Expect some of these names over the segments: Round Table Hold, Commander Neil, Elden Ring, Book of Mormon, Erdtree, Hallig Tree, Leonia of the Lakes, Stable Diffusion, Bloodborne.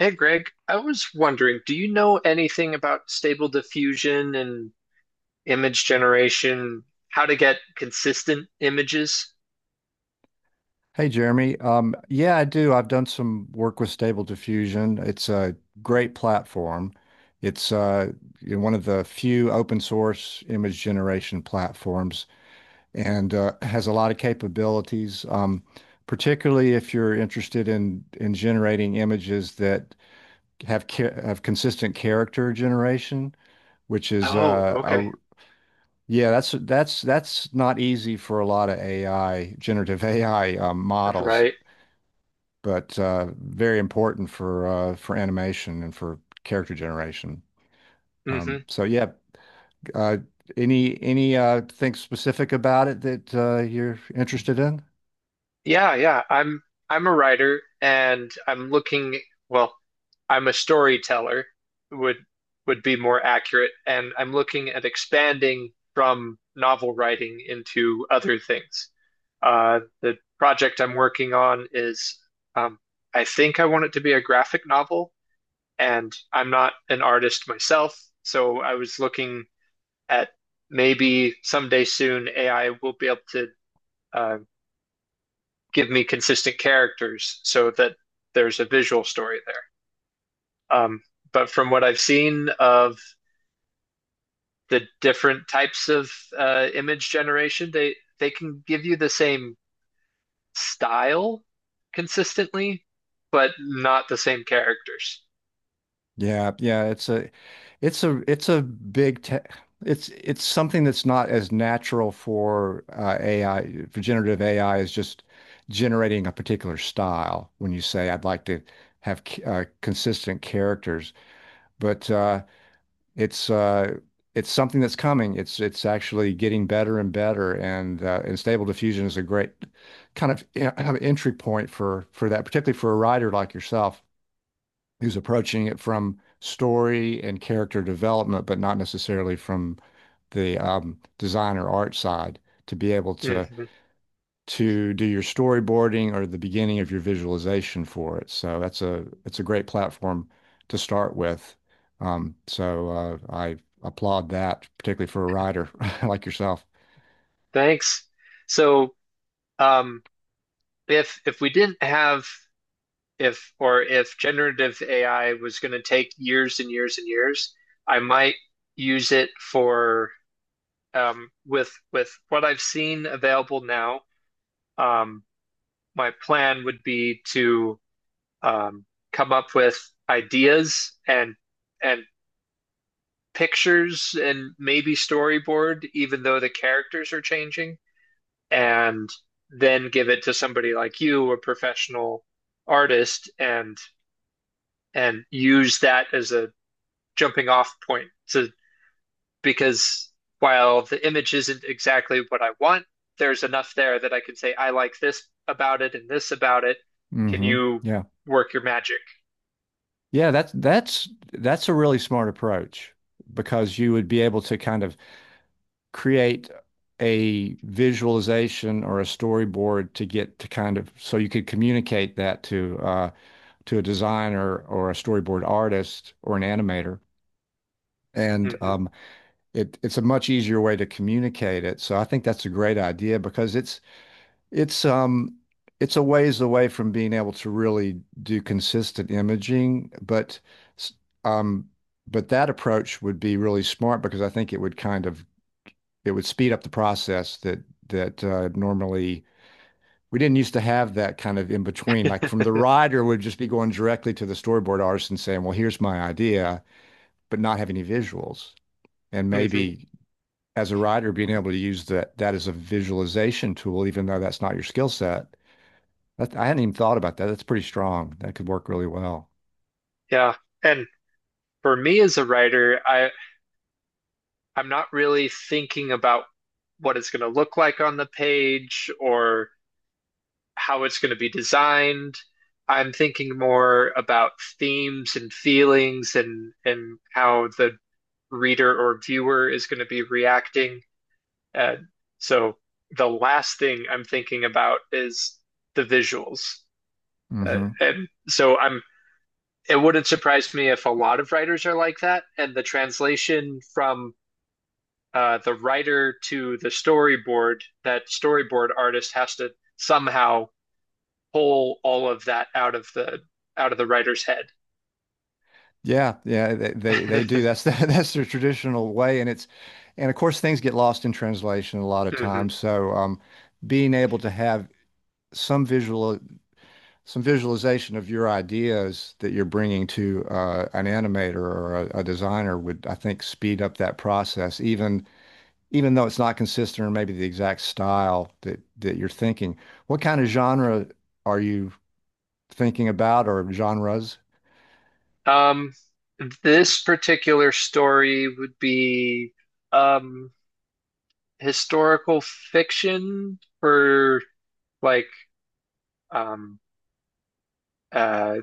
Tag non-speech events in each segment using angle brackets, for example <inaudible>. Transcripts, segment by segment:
Hey Greg, I was wondering, do you know anything about stable diffusion and image generation? How to get consistent images? Hey Jeremy. Yeah, I do. I've done some work with Stable Diffusion. It's a great platform. It's one of the few open source image generation platforms and has a lot of capabilities, particularly if you're interested in generating images that have consistent character generation, which is Oh, okay. Yeah, that's not easy for a lot of AI, generative <laughs> AI models Right. but very important for animation and for character generation. hmm So yeah, uh, any thing specific about it that you're interested in? Yeah, yeah. I'm a writer and I'm looking, well, I'm a storyteller would would be more accurate, and I'm looking at expanding from novel writing into other things. The project I'm working on is, um, I think I want it to be a graphic novel, and I'm not an artist myself, so I was looking at maybe someday soon AI will be able to uh, give me consistent characters so that there's a visual story there. Um, but from what I've seen of the different types of image generation, they can give you the same style consistently, but not the same characters. Yeah, yeah, it's a it's a it's a big te it's something that's not as natural for AI, for generative AI, is just generating a particular style. When you say I'd like to have consistent characters. But It's uh, it's something that's coming. It's actually getting better and better, and and Stable Diffusion is a great kind of kind of entry point for that, particularly for a writer like yourself, who's approaching it from story and character development, but not necessarily from the design or art side, to be able to Mhm. Do your storyboarding or the beginning of your visualization for it. So that's a it's a great platform to start with. I applaud that, particularly for a writer <laughs> like yourself. Thanks. So, um, if we didn't have if or if generative AI was going to take years and years and years, I might use it for, with what I've seen available now. Um, my plan would be to, um, come up with ideas and pictures and maybe storyboard, even though the characters are changing, and then give it to somebody like you, a professional artist, and use that as a jumping off point to because while the image isn't exactly what I want, there's enough there that I can say, I like this about it and this about it. Can Hmm you Yeah. work your magic? Yeah, that's a really smart approach, because you would be able to kind of create a visualization or a storyboard, to get to kind of, so you could communicate that to a designer or a storyboard artist or an animator. And Hmm It's a much easier way to communicate it. So I think that's a great idea, because it's um it's a ways away from being able to really do consistent imaging, but s- um but that approach would be really smart because I think it would kind of it would speed up the process that normally we didn't used to have that kind of in between. Like, from the rider would just be going directly to the storyboard artist and saying, "Well, here's my idea," but not have any visuals, and hmm maybe, as a writer, being able to use that as a visualization tool, even though that's not your skill set. That, I hadn't even thought about that. That's pretty strong. That could work really well. <laughs> Yeah. And for me as a writer, I, I'm not really thinking about what it's going to look like on the page or how it's going to be designed. I'm thinking more about themes and feelings and how the reader or viewer is going to be reacting. Uh, so the last thing I'm thinking about is the visuals. Uh, Hmm. and so I'm it wouldn't surprise me if a lot of writers are like that, and the translation from the writer to the storyboard, that storyboard artist has to somehow pull all of that out of the writer's head. Yeah, yeah, they do. <laughs> That's <laughs> that's their traditional way, and it's and of course things get lost in translation a lot of Mhm. times. So being able to have some visual some visualization of your ideas that you're bringing to an animator or a designer would, I think, speed up that process, even even though it's not consistent or maybe the exact style that you're thinking. What kind of genre are you thinking about, or genres? Um, this particular story would be, um, historical fiction for like, um, uh,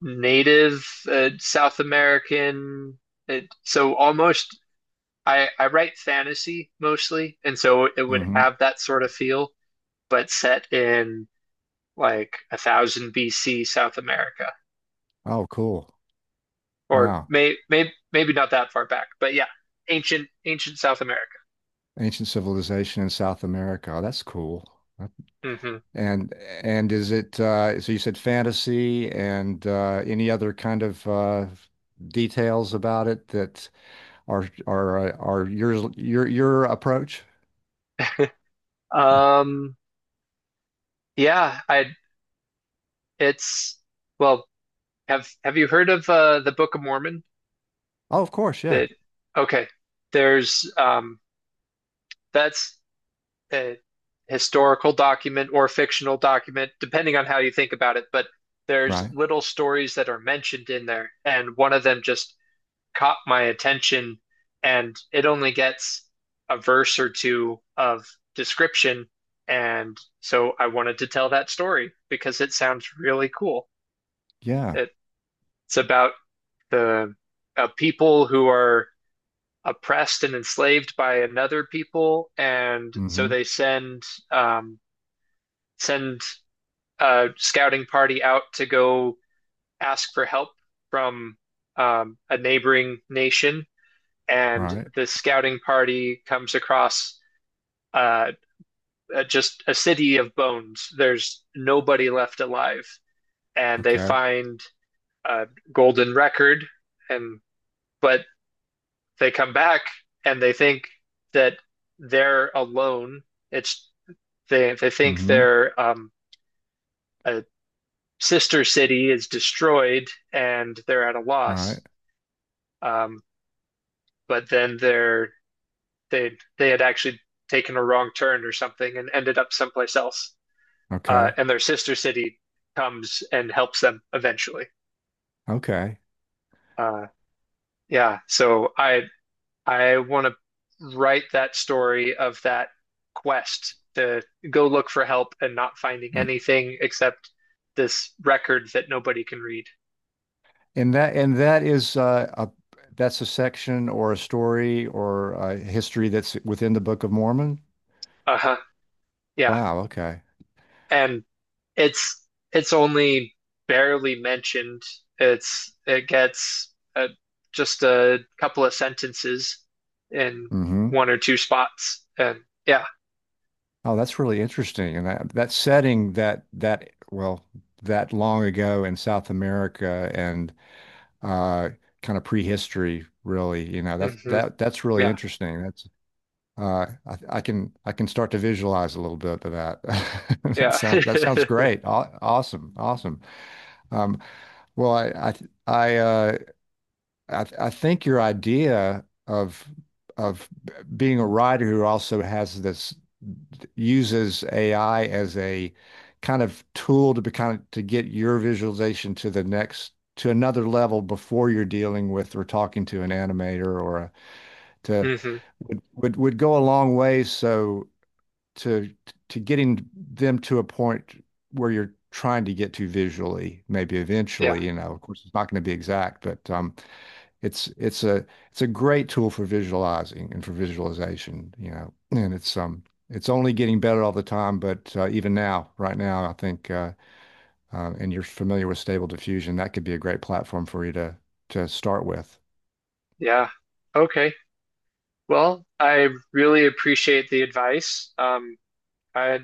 native South American. It, so almost I write fantasy mostly, and so it would Hmm. have that sort of feel, but set in like 1000 BC South America. Oh, cool. Or Wow. May maybe not that far back, but yeah, ancient ancient South America. Ancient civilization in South America. Oh, that's cool. That- Mm-hmm. And is it so you said fantasy and any other kind of details about it that are are your your approach? <laughs> um, yeah, I it's, well, have you heard of the Book of Mormon? Oh, of course, yeah. That, okay, there's that's a historical document or fictional document, depending on how you think about it, but there's Right. little stories that are mentioned in there, and one of them just caught my attention and it only gets a verse or two of description and so I wanted to tell that story because it sounds really cool. Yeah. It's about the a people who are oppressed and enslaved by another people, and so Hmm. they send, um, send a scouting party out to go ask for help from, a neighboring nation and Right. the scouting party comes across uh, just a city of bones. There's nobody left alive, and they Okay. find a golden record, and but they come back and they think that they're alone. It's they think Hmm. their, a sister city is destroyed and they're at a loss. Right. Um, but then they're they had actually taken a wrong turn or something and ended up someplace else. uh, Okay. and their sister city comes and helps them eventually. Okay. Uh, yeah, so I want to write that story of that quest to go look for help and not finding Mm. anything except this record that nobody can read. And that is a that's a section or a story or a history that's within the Book of Mormon. Uh-huh. Yeah. Wow. Okay. And it's it's only barely mentioned. It's it gets just a couple of sentences in Hmm. one or two spots and yeah. Oh, that's really interesting. And that that setting that that long ago in South America and uh, kind of prehistory, really. You know, that's hmm that's really Yeah, interesting. That's I can start to visualize a little bit of that. <laughs> That yeah. sounds great. Aw Awesome. Awesome. Um, well, I, uh, I think your idea of of being a writer who also has this, uses AI as a kind of tool to be kind of to get your visualization to the next, to another level, before you're dealing with or talking to an animator or a, <laughs> to hmm would go a long way. So to to getting them to a point where you're trying to get to visually, maybe Yeah, eventually. You know, of course, it's not going to be exact, but it's it's a it's a great tool for visualizing and for visualization, you know. And it's only getting better all the time, but even now, right now, I think and you're familiar with stable diffusion, that could be a great platform for you to start with. yeah. Okay. Well, I really appreciate the advice. I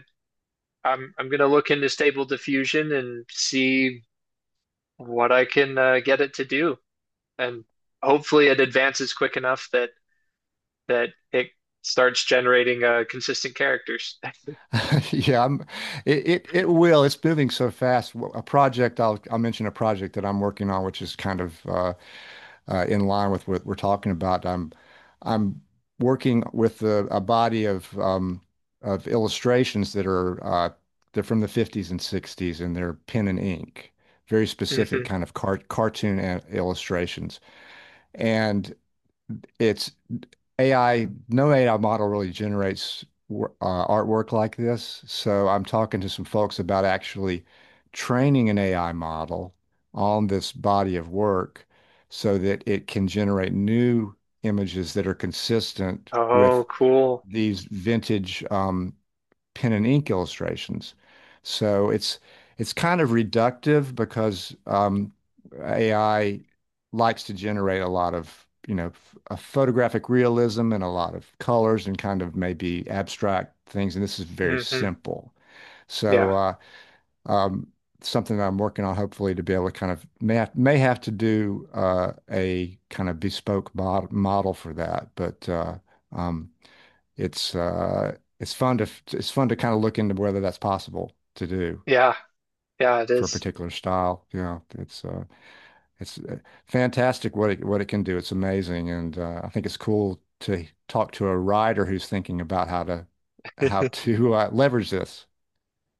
I'm gonna look into Stable Diffusion and see what I can get it to do, and hopefully it advances quick enough that that it starts generating consistent characters. <laughs> <laughs> Yeah, I'm, it will. It's moving so fast. W- A project I'll mention a project that I'm working on, which is kind of in line with what we're talking about. I'm working with a body of illustrations that are they're from the 50s and 60s, and they're pen and ink, very specific hmm kind of cartoon illustrations. And It's AI, no AI model really generates artwork like this. So I'm talking to some folks about actually training an AI model on this body of work so that it can generate new images that are consistent with Oh, cool. these vintage pen and ink illustrations. So it's kind of reductive because AI likes to generate a lot of, you know, a photographic realism and a lot of colors and kind of maybe abstract things. And this is very hmm simple. Yeah, So um, something that I'm working on, hopefully, to be able to kind of may have to do a kind of bespoke model for that, but um, it's fun to kind of look into whether that's possible to do yeah, yeah. It for a is. particular style. You know, it's fantastic what it can do. It's amazing, and I think it's cool to talk to a writer who's thinking about how to <laughs> leverage this.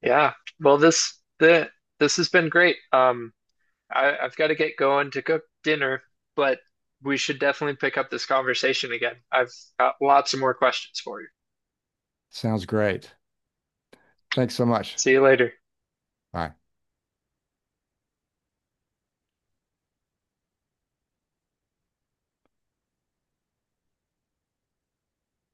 Yeah. Well, this has been great. I, I've got to get going to cook dinner, but we should definitely pick up this conversation again. I've got lots of more questions for you. Sounds great. Thanks so much. See you later. Bye.